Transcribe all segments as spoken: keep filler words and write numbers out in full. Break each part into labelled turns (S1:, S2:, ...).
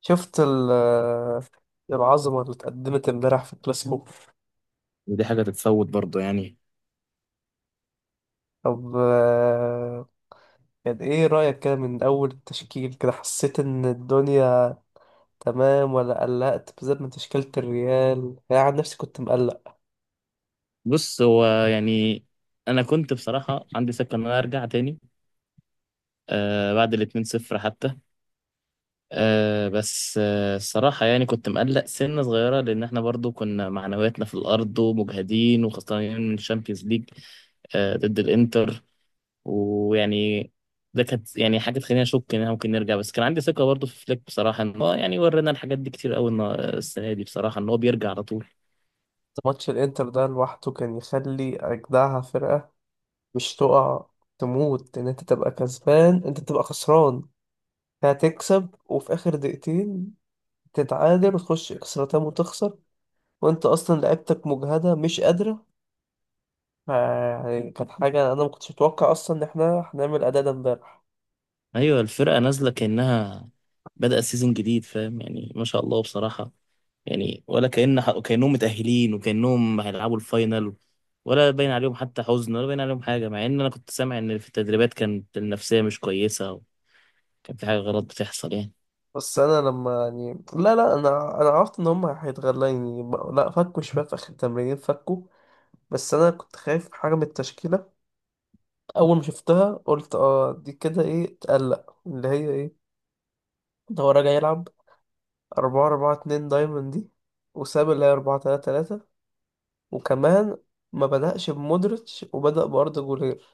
S1: شفت ال- العظمة اللي اتقدمت امبارح في الكلاسيكو.
S2: ودي حاجة تتفوت برضه يعني؟
S1: طب آه، كان ايه رأيك كده من أول التشكيل كده؟ حسيت إن الدنيا تمام ولا قلقت بالذات من تشكيلة الريال؟ أنا عن نفسي كنت مقلق.
S2: بص، هو يعني أنا كنت بصراحة عندي سكة إن أنا أرجع تاني آه، بعد الاتنين صفر حتى. آه بس آه الصراحة يعني كنت مقلق سنة صغيرة، لأن إحنا برضه كنا معنوياتنا في الأرض ومجهدين وخسرانين من الشامبيونز ليج آه، ضد الإنتر. ويعني ده كانت يعني حاجة تخليني أشك إن إحنا ممكن نرجع، بس كان عندي ثقة برضه في فليك بصراحة، إن هو يعني ورينا الحاجات دي كتير أوي النا- السنة دي بصراحة إن هو بيرجع على طول.
S1: ماتش الإنتر ده لوحده كان يخلي أجدعها فرقة مش تقع، تموت إن أنت تبقى كسبان أنت تبقى خسران، هتكسب وفي آخر دقيقتين تتعادل وتخش إكسترا تايم وتخسر، وأنت أصلا لعيبتك مجهدة مش قادرة. يعني كانت حاجة أنا ما كنتش متوقع أصلا إن إحنا هنعمل أداء ده إمبارح.
S2: ايوه الفرقه نازله كانها بدأ سيزون جديد، فاهم يعني، ما شاء الله بصراحه. يعني ولا كأن كأنهم متأهلين وكأنهم هيلعبوا الفاينل، ولا باين عليهم حتى حزن، ولا باين عليهم حاجه، مع ان انا كنت سامع ان في التدريبات كانت النفسيه مش كويسه، وكان في حاجه غلط بتحصل يعني.
S1: بس أنا لما يعني لا لا أنا أنا عرفت إن هما هيتغلوا يعني ب- لا، فكوا شباب في آخر التمرين فكوا. بس أنا كنت خايف حاجة من التشكيلة. أول ما شفتها قلت آه دي كده إيه تقلق اللي هي إيه؟ ده هو راجع يلعب أربعة أربعة اتنين دايموند دي، وساب اللي هي أربعة تلاتة تلاتة. وكمان ما بدأش بمودريتش وبدأ بأردا جولير.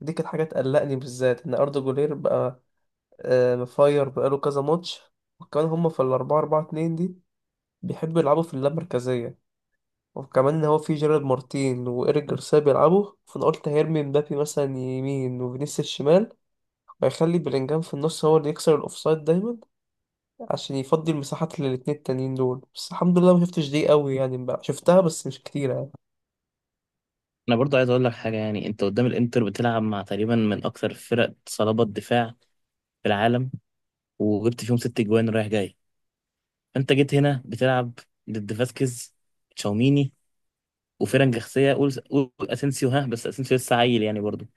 S1: دي كانت حاجة تقلقني بالذات إن أردا جولير بقى آه، مفاير بقاله كذا ماتش. وكمان هم في الأربعة أربعة اتنين دي بيحبوا يلعبوا في اللامركزية، وكمان إن هو في جيرارد مارتين وإيريك جارسيا بيلعبوا. فأنا قلت هيرمي مبابي مثلا يمين وفينيسيوس شمال، وهيخلي بلينجهام في النص هو اللي يكسر الأوفسايد دايما عشان يفضي المساحات للاتنين التانيين دول. بس الحمد لله ما شفتش دي قوي يعني، بقى شفتها بس مش كتير يعني.
S2: انا برضو عايز اقول لك حاجه، يعني انت قدام الانتر بتلعب مع تقريبا من اكثر فرق صلابه دفاع في العالم، وجبت فيهم ست جوان رايح جاي. انت جيت هنا بتلعب ضد فاسكيز، تشاوميني، وفرق جنسية، قول قول اسينسيو ها، بس اسينسيو لسه عيل يعني برضه.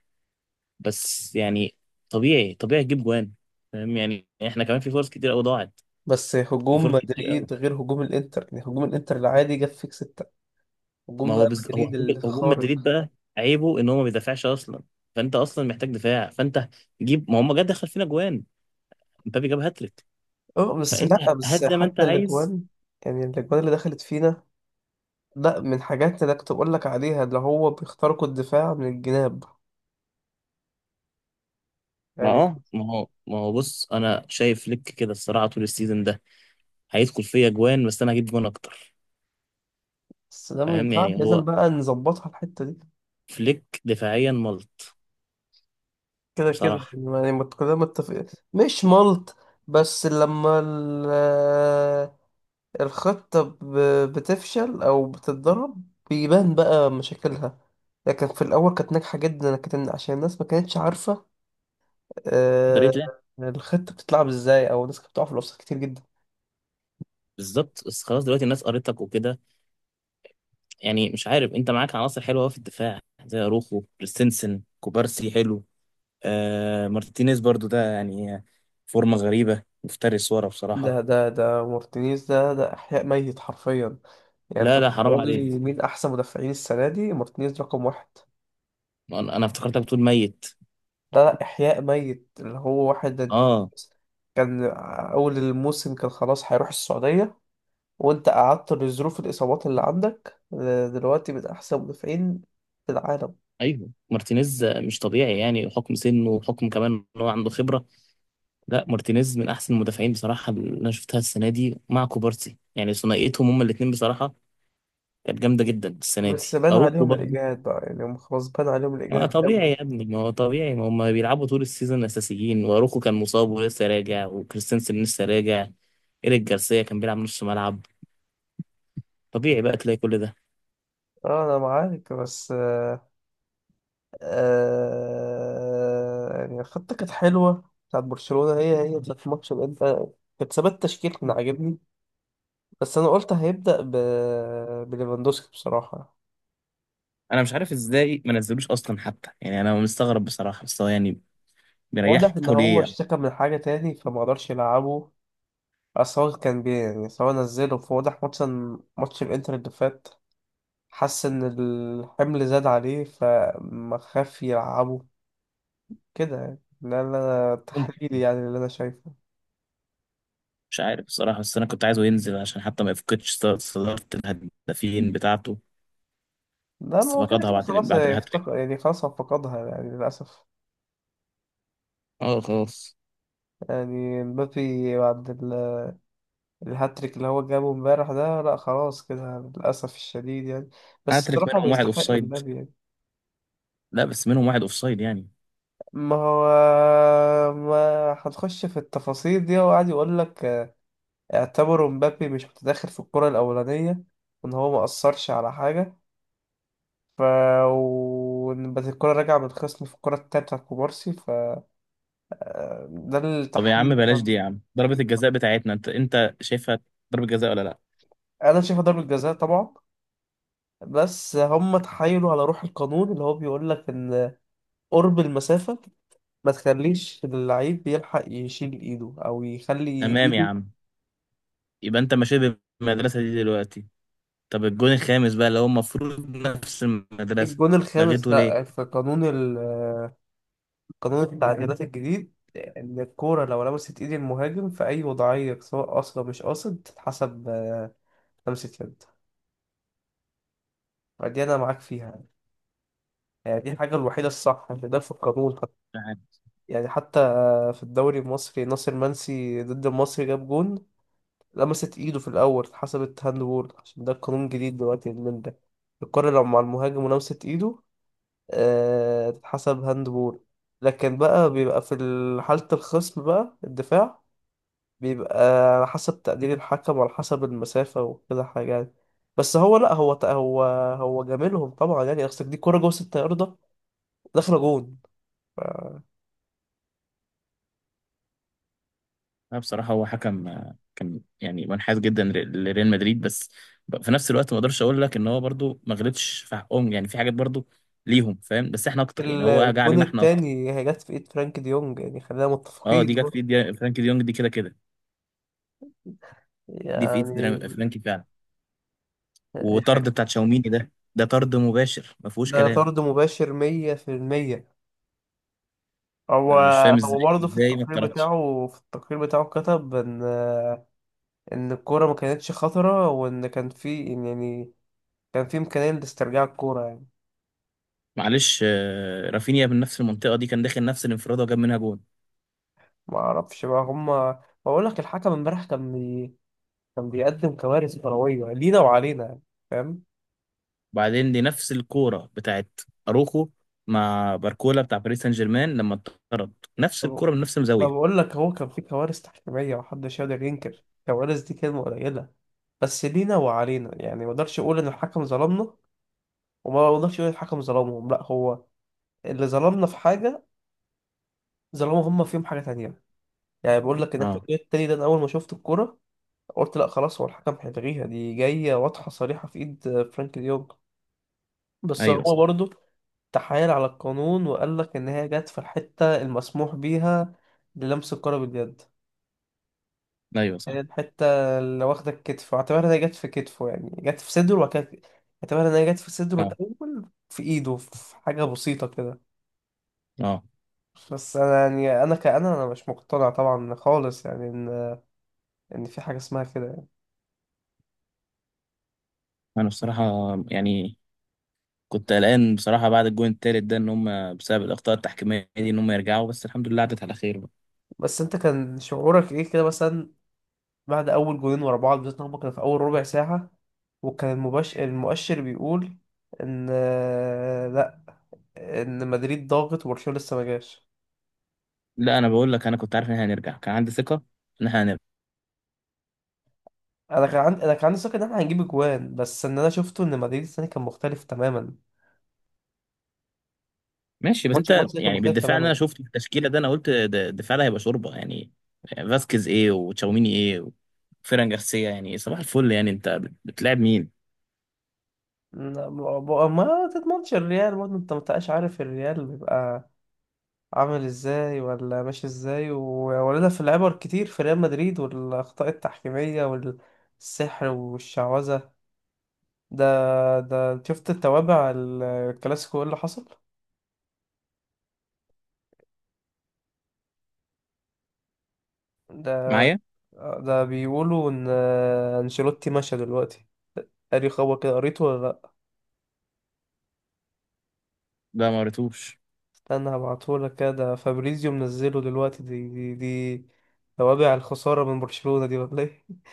S2: بس يعني طبيعي طبيعي تجيب جوان. فاهم يعني احنا كمان في فرص كتير قوي ضاعت،
S1: بس
S2: في
S1: هجوم
S2: فرص كتير قوي.
S1: مدريد غير هجوم الإنتر يعني، هجوم الإنتر العادي جاب فيك ستة،
S2: ما
S1: هجوم
S2: هو
S1: بقى
S2: بز... هو
S1: مدريد
S2: هجوم هجوم مدريد
S1: الخارق.
S2: بقى عيبه ان هو ما بيدافعش اصلا، فانت اصلا محتاج دفاع. فانت جيب، ما هم جد دخل فينا جوان، مبابي جاب هاتريك.
S1: اه بس
S2: فانت
S1: لا بس
S2: هات زي ما انت
S1: حتى
S2: عايز.
S1: الاجوان، يعني الاجوان اللي دخلت فينا، لا من حاجات انا كنت بقول لك عليها اللي هو بيخترقوا الدفاع من الجناب
S2: ما
S1: يعني.
S2: اه ما هو ما هو بص انا شايف لك كده الصراحه طول السيزون ده هيدخل فيا جوان، بس انا هجيب جوان اكتر.
S1: بس ده ما
S2: فاهم
S1: ينفعش،
S2: يعني
S1: لازم
S2: هو
S1: بقى نظبطها الحته دي.
S2: فليك دفاعيا ملط
S1: كده كده
S2: بصراحة.
S1: يعني، ما يعني ما كلنا متفقين. مش ملط، بس لما ال- الخطه ب- بتفشل او بتتضرب بيبان بقى مشاكلها، لكن في الاول كانت ناجحه جدا لكن عشان الناس ما كانتش عارفه
S2: اشتريت
S1: آه،
S2: ليه؟
S1: الخطة بتتلعب ازاي، او الناس كانت بتقع في الاوفسايد كتير جدا.
S2: بالظبط، بس خلاص دلوقتي الناس قريتك وكده. يعني مش عارف، انت معاك عناصر حلوة أوي في الدفاع، زي اروخو، كريستنسن، كوبارسي حلو، آه مارتينيز برضو ده يعني فورمة غريبة، مفترس ورا
S1: ده
S2: بصراحة.
S1: ده ده مارتينيز ده ده احياء ميت حرفيا. يعني انت
S2: لا لا حرام
S1: بتقول
S2: عليك،
S1: لي مين احسن مدافعين السنة دي؟ مارتينيز رقم واحد.
S2: انا أنا افتكرتك بتقول ميت.
S1: لا لا احياء ميت اللي هو واحد، انت
S2: اه.
S1: كان اول الموسم كان خلاص هيروح السعودية وانت قعدت لظروف الاصابات اللي عندك، آه، دلوقتي من احسن مدافعين في العالم.
S2: ايوه مارتينيز مش طبيعي يعني، حكم سنه وحكم كمان ان هو عنده خبرة. لا مارتينيز من احسن المدافعين بصراحة اللي انا شفتها السنة دي، مع كوبارسي يعني ثنائيتهم هما الاتنين بصراحة كانت جامدة جدا السنة
S1: بس
S2: دي.
S1: بان
S2: أروخو
S1: عليهم
S2: برضه،
S1: الاجهاد بقى يعني، هم خلاص بان عليهم
S2: ما
S1: الاجهاد
S2: طبيعي
S1: قوي.
S2: يا ابني، ما هو طبيعي، ما هم بيلعبوا طول السيزون اساسيين، واروخو كان مصاب ولسه راجع، وكريستنسن لسه راجع، ايريك جارسيا كان بيلعب نص ملعب. طبيعي بقى تلاقي كل ده.
S1: اه انا معاك بس آه، آه يعني خطة كانت حلوة بتاعت برشلونة، هي هي بتاعت الماتش ده انت، كانت ثبات تشكيل كان عاجبني. بس انا قلت هيبدأ ب... بليفاندوسكي بصراحة.
S2: انا مش عارف ازاي ما نزلوش اصلا حتى، يعني انا مستغرب بصراحه، بس هو يعني بيريحه
S1: واضح ان هو
S2: ليه.
S1: اشتكى من حاجة تاني فما قدرش يلعبه. اصل هو كان بي يعني سواء نزله فواضح ماتش ماتش الانتر اللي فات حس ان الحمل زاد عليه فما خاف يلعبه كده يعني. ده اللي انا تحليلي
S2: ممكن،
S1: يعني اللي انا شايفه.
S2: مش عارف بصراحه، بس انا كنت عايزه ينزل عشان حتى ما يفقدش صد- صداره الهدافين بتاعته.
S1: لا ما
S2: بس
S1: هو كده
S2: فقدها
S1: كده
S2: بعد ال-
S1: خلاص
S2: بعد الهاتريك.
S1: افتقد يعني، خلاص هو فقدها يعني للأسف.
S2: اه خلاص.
S1: يعني مبابي بعد ال- الهاتريك اللي هو جابه امبارح ده، لا خلاص كده للأسف الشديد يعني. بس
S2: هاتريك
S1: الصراحة هو
S2: منهم واحد
S1: يستحق
S2: اوفسايد،
S1: المبابي يعني.
S2: لا بس منهم واحد اوفسايد يعني.
S1: ما هو ما هنخش في التفاصيل دي، هو قاعد يقول لك اعتبروا مبابي مش متداخل في الكرة الأولانية، وإن هو ما أثرش على حاجة، ف وإن بس الكرة راجعة من الخصم في الكرة التالتة بتاعت كوبارسي، ف آه، ده
S2: طب يا عم
S1: التحليل.
S2: بلاش دي يا عم، ضربة الجزاء بتاعتنا انت انت شايفها ضربة جزاء ولا لا؟
S1: انا شايفها ضربة جزاء طبعا، بس هم تحايلوا على روح القانون اللي هو بيقول لك ان قرب المسافة ما تخليش اللعيب بيلحق يشيل ايده او يخلي
S2: تمام يا
S1: ايده.
S2: عم، يبقى انت ماشي بالمدرسة دي دلوقتي. طب الجون الخامس بقى اللي هو المفروض نفس المدرسة،
S1: الجون الخامس
S2: لغيته ليه؟
S1: لا، في قانون ال- قانون التعديلات الجديد ان الكورة لو لمست ايد المهاجم في اي وضعية سواء قاصد أو مش قاصد تتحسب آه، لمسة يد. فدي انا معاك فيها يعني، يعني دي الحاجة الوحيدة الصح اللي ده في القانون حتى.
S2: مش عارف.
S1: يعني حتى في الدوري المصري ناصر منسي ضد المصري جاب جون، لمست ايده في الاول اتحسبت هاند بول عشان ده قانون جديد دلوقتي من ده، الكرة لو مع المهاجم ولمست ايده آه، تتحسب هاند بول. لكن بقى بيبقى في ال- حالة الخصم بقى الدفاع بيبقى على حسب تقدير الحكم وعلى حسب المسافة وكده حاجة يعني. بس هو لا هو ت- هو هو جاملهم طبعا يعني، اصل دي كرة جوه ستة ياردة داخلة جون.
S2: انا بصراحة هو حكم آه، كان يعني منحاز جدا ر- لريال مدريد، بس ب- في نفس الوقت ما اقدرش اقول لك ان هو برضو ما غلطش في حقهم، يعني في حاجات برضو ليهم فاهم، بس احنا اكتر يعني،
S1: ال-
S2: هو جه
S1: الجون
S2: علينا احنا اكتر.
S1: التاني هي جت في ايد فرانك ديونج، يعني خلينا
S2: اه دي
S1: متفقين
S2: جت في
S1: برضه.
S2: ايد فرانكي ديونج دي كده كده. دي في ايد
S1: يعني
S2: درا- فرانكي فعلا.
S1: دي
S2: وطرد
S1: حاجة.
S2: بتاع تشاوميني ده ده طرد مباشر ما فيهوش
S1: ده
S2: كلام.
S1: طرد مباشر مية في المية. هو
S2: انا مش فاهم
S1: هو
S2: ازاي
S1: برضه في
S2: ازاي ما
S1: التقرير
S2: اتطردش.
S1: بتاعه، في التقرير بتاعه كتب ان ان الكورة ما كانتش خطرة وان كان في إن يعني كان في امكانية لاسترجاع الكورة يعني.
S2: معلش آه، رافينيا من نفس المنطقه دي كان داخل نفس الانفراد وجاب منها جون.
S1: ما اعرفش بقى، هما بقول لك الحكم امبارح كان بي... كان بيقدم كوارث كروية لينا وعلينا يعني، فاهم؟
S2: وبعدين دي نفس الكوره بتاعت اروخو مع باركولا بتاع باريس سان جيرمان لما اتطرد، نفس
S1: طب-
S2: الكوره من نفس
S1: ما
S2: الزاويه.
S1: بقول لك هو كان في كوارث تحكيمية محدش يقدر ينكر، كوارث دي كلمة قليلة، بس لينا وعلينا يعني. ما اقدرش اقول ان الحكم ظلمنا وما اقدرش اقول الحكم ظلمهم، لا هو اللي ظلمنا في حاجة ظلموا هم فيهم حاجة تانية. يعني بقول لك ان احنا
S2: اه.
S1: الجول التاني ده انا اول ما شفت الكرة قلت لا خلاص هو الحكم هيلغيها، دي جاية واضحة صريحة في ايد فرانك ديونج. بس
S2: ايوه
S1: هو
S2: صح.
S1: برضه تحايل على القانون وقال لك ان هي جت في الحتة المسموح بيها للمس الكرة باليد،
S2: ايوه صح.
S1: الحتة اللي واخدة الكتف، واعتبرها ان هي جت في كتفه يعني جت في صدره، وبعد كده اعتبرها ان هي جت في صدره
S2: اه.
S1: الاول في ايده في حاجة بسيطة كده.
S2: اه.
S1: بس انا يعني انا كأنا انا مش مقتنع طبعا خالص يعني، يعني في حاجة اسمها كده يعني.
S2: انا بصراحه يعني كنت قلقان بصراحه بعد الجون التالت ده، ان هم بسبب الاخطاء التحكيميه دي ان هم يرجعوا، بس الحمد لله عدت على خير.
S1: بس انت كان شعورك ايه كده مثلا بعد اول جولين ورا بعض، بالذات إن هما كانوا في اول ربع ساعة وكان المبش... المؤشر بيقول ان آه، لا، ان مدريد ضاغط وبرشلونة لسه ما جاش.
S2: لا انا بقول لك انا كنت عارف ان احنا هنرجع، كان عندي ثقه ان احنا
S1: انا كان
S2: هنرجع.
S1: عندي انا كان عندي ثقة ان احنا هنجيب اجوان، بس ان انا شفته ان مدريد الثاني كان مختلف تماما.
S2: ماشي، بس
S1: ماتش
S2: انت
S1: الماتش ده كان
S2: يعني
S1: مختلف
S2: بالدفاع اللي انا
S1: تماما.
S2: شفت التشكيله ده انا قلت ده- الدفاع ده هيبقى شوربه يعني. فاسكيز ايه وتشاوميني ايه وفيران جارسيا، يعني صباح الفل يعني، انت بتلعب مين؟
S1: لا، ما ما تضمنش الريال برضه، انت ما بتبقاش عارف الريال بيبقى عامل ازاي ولا ماشي ازاي، وولدها في العبر كتير في ريال مدريد، والاخطاء التحكيميه والسحر والشعوذه ده. ده شفت التوابع ال- الكلاسيكو ايه اللي حصل ده؟
S2: معايا.
S1: ده بيقولوا ان انشيلوتي مشى دلوقتي. قاري خبر كده؟ قريته ولا لا؟
S2: لا ما قريتوش.
S1: استنى هبعتهولك كده، ده فابريزيو منزله دلوقتي. دي دي, دي توابع الخساره من برشلونه دي ولا ايه؟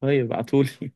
S2: طيب ابعتولي.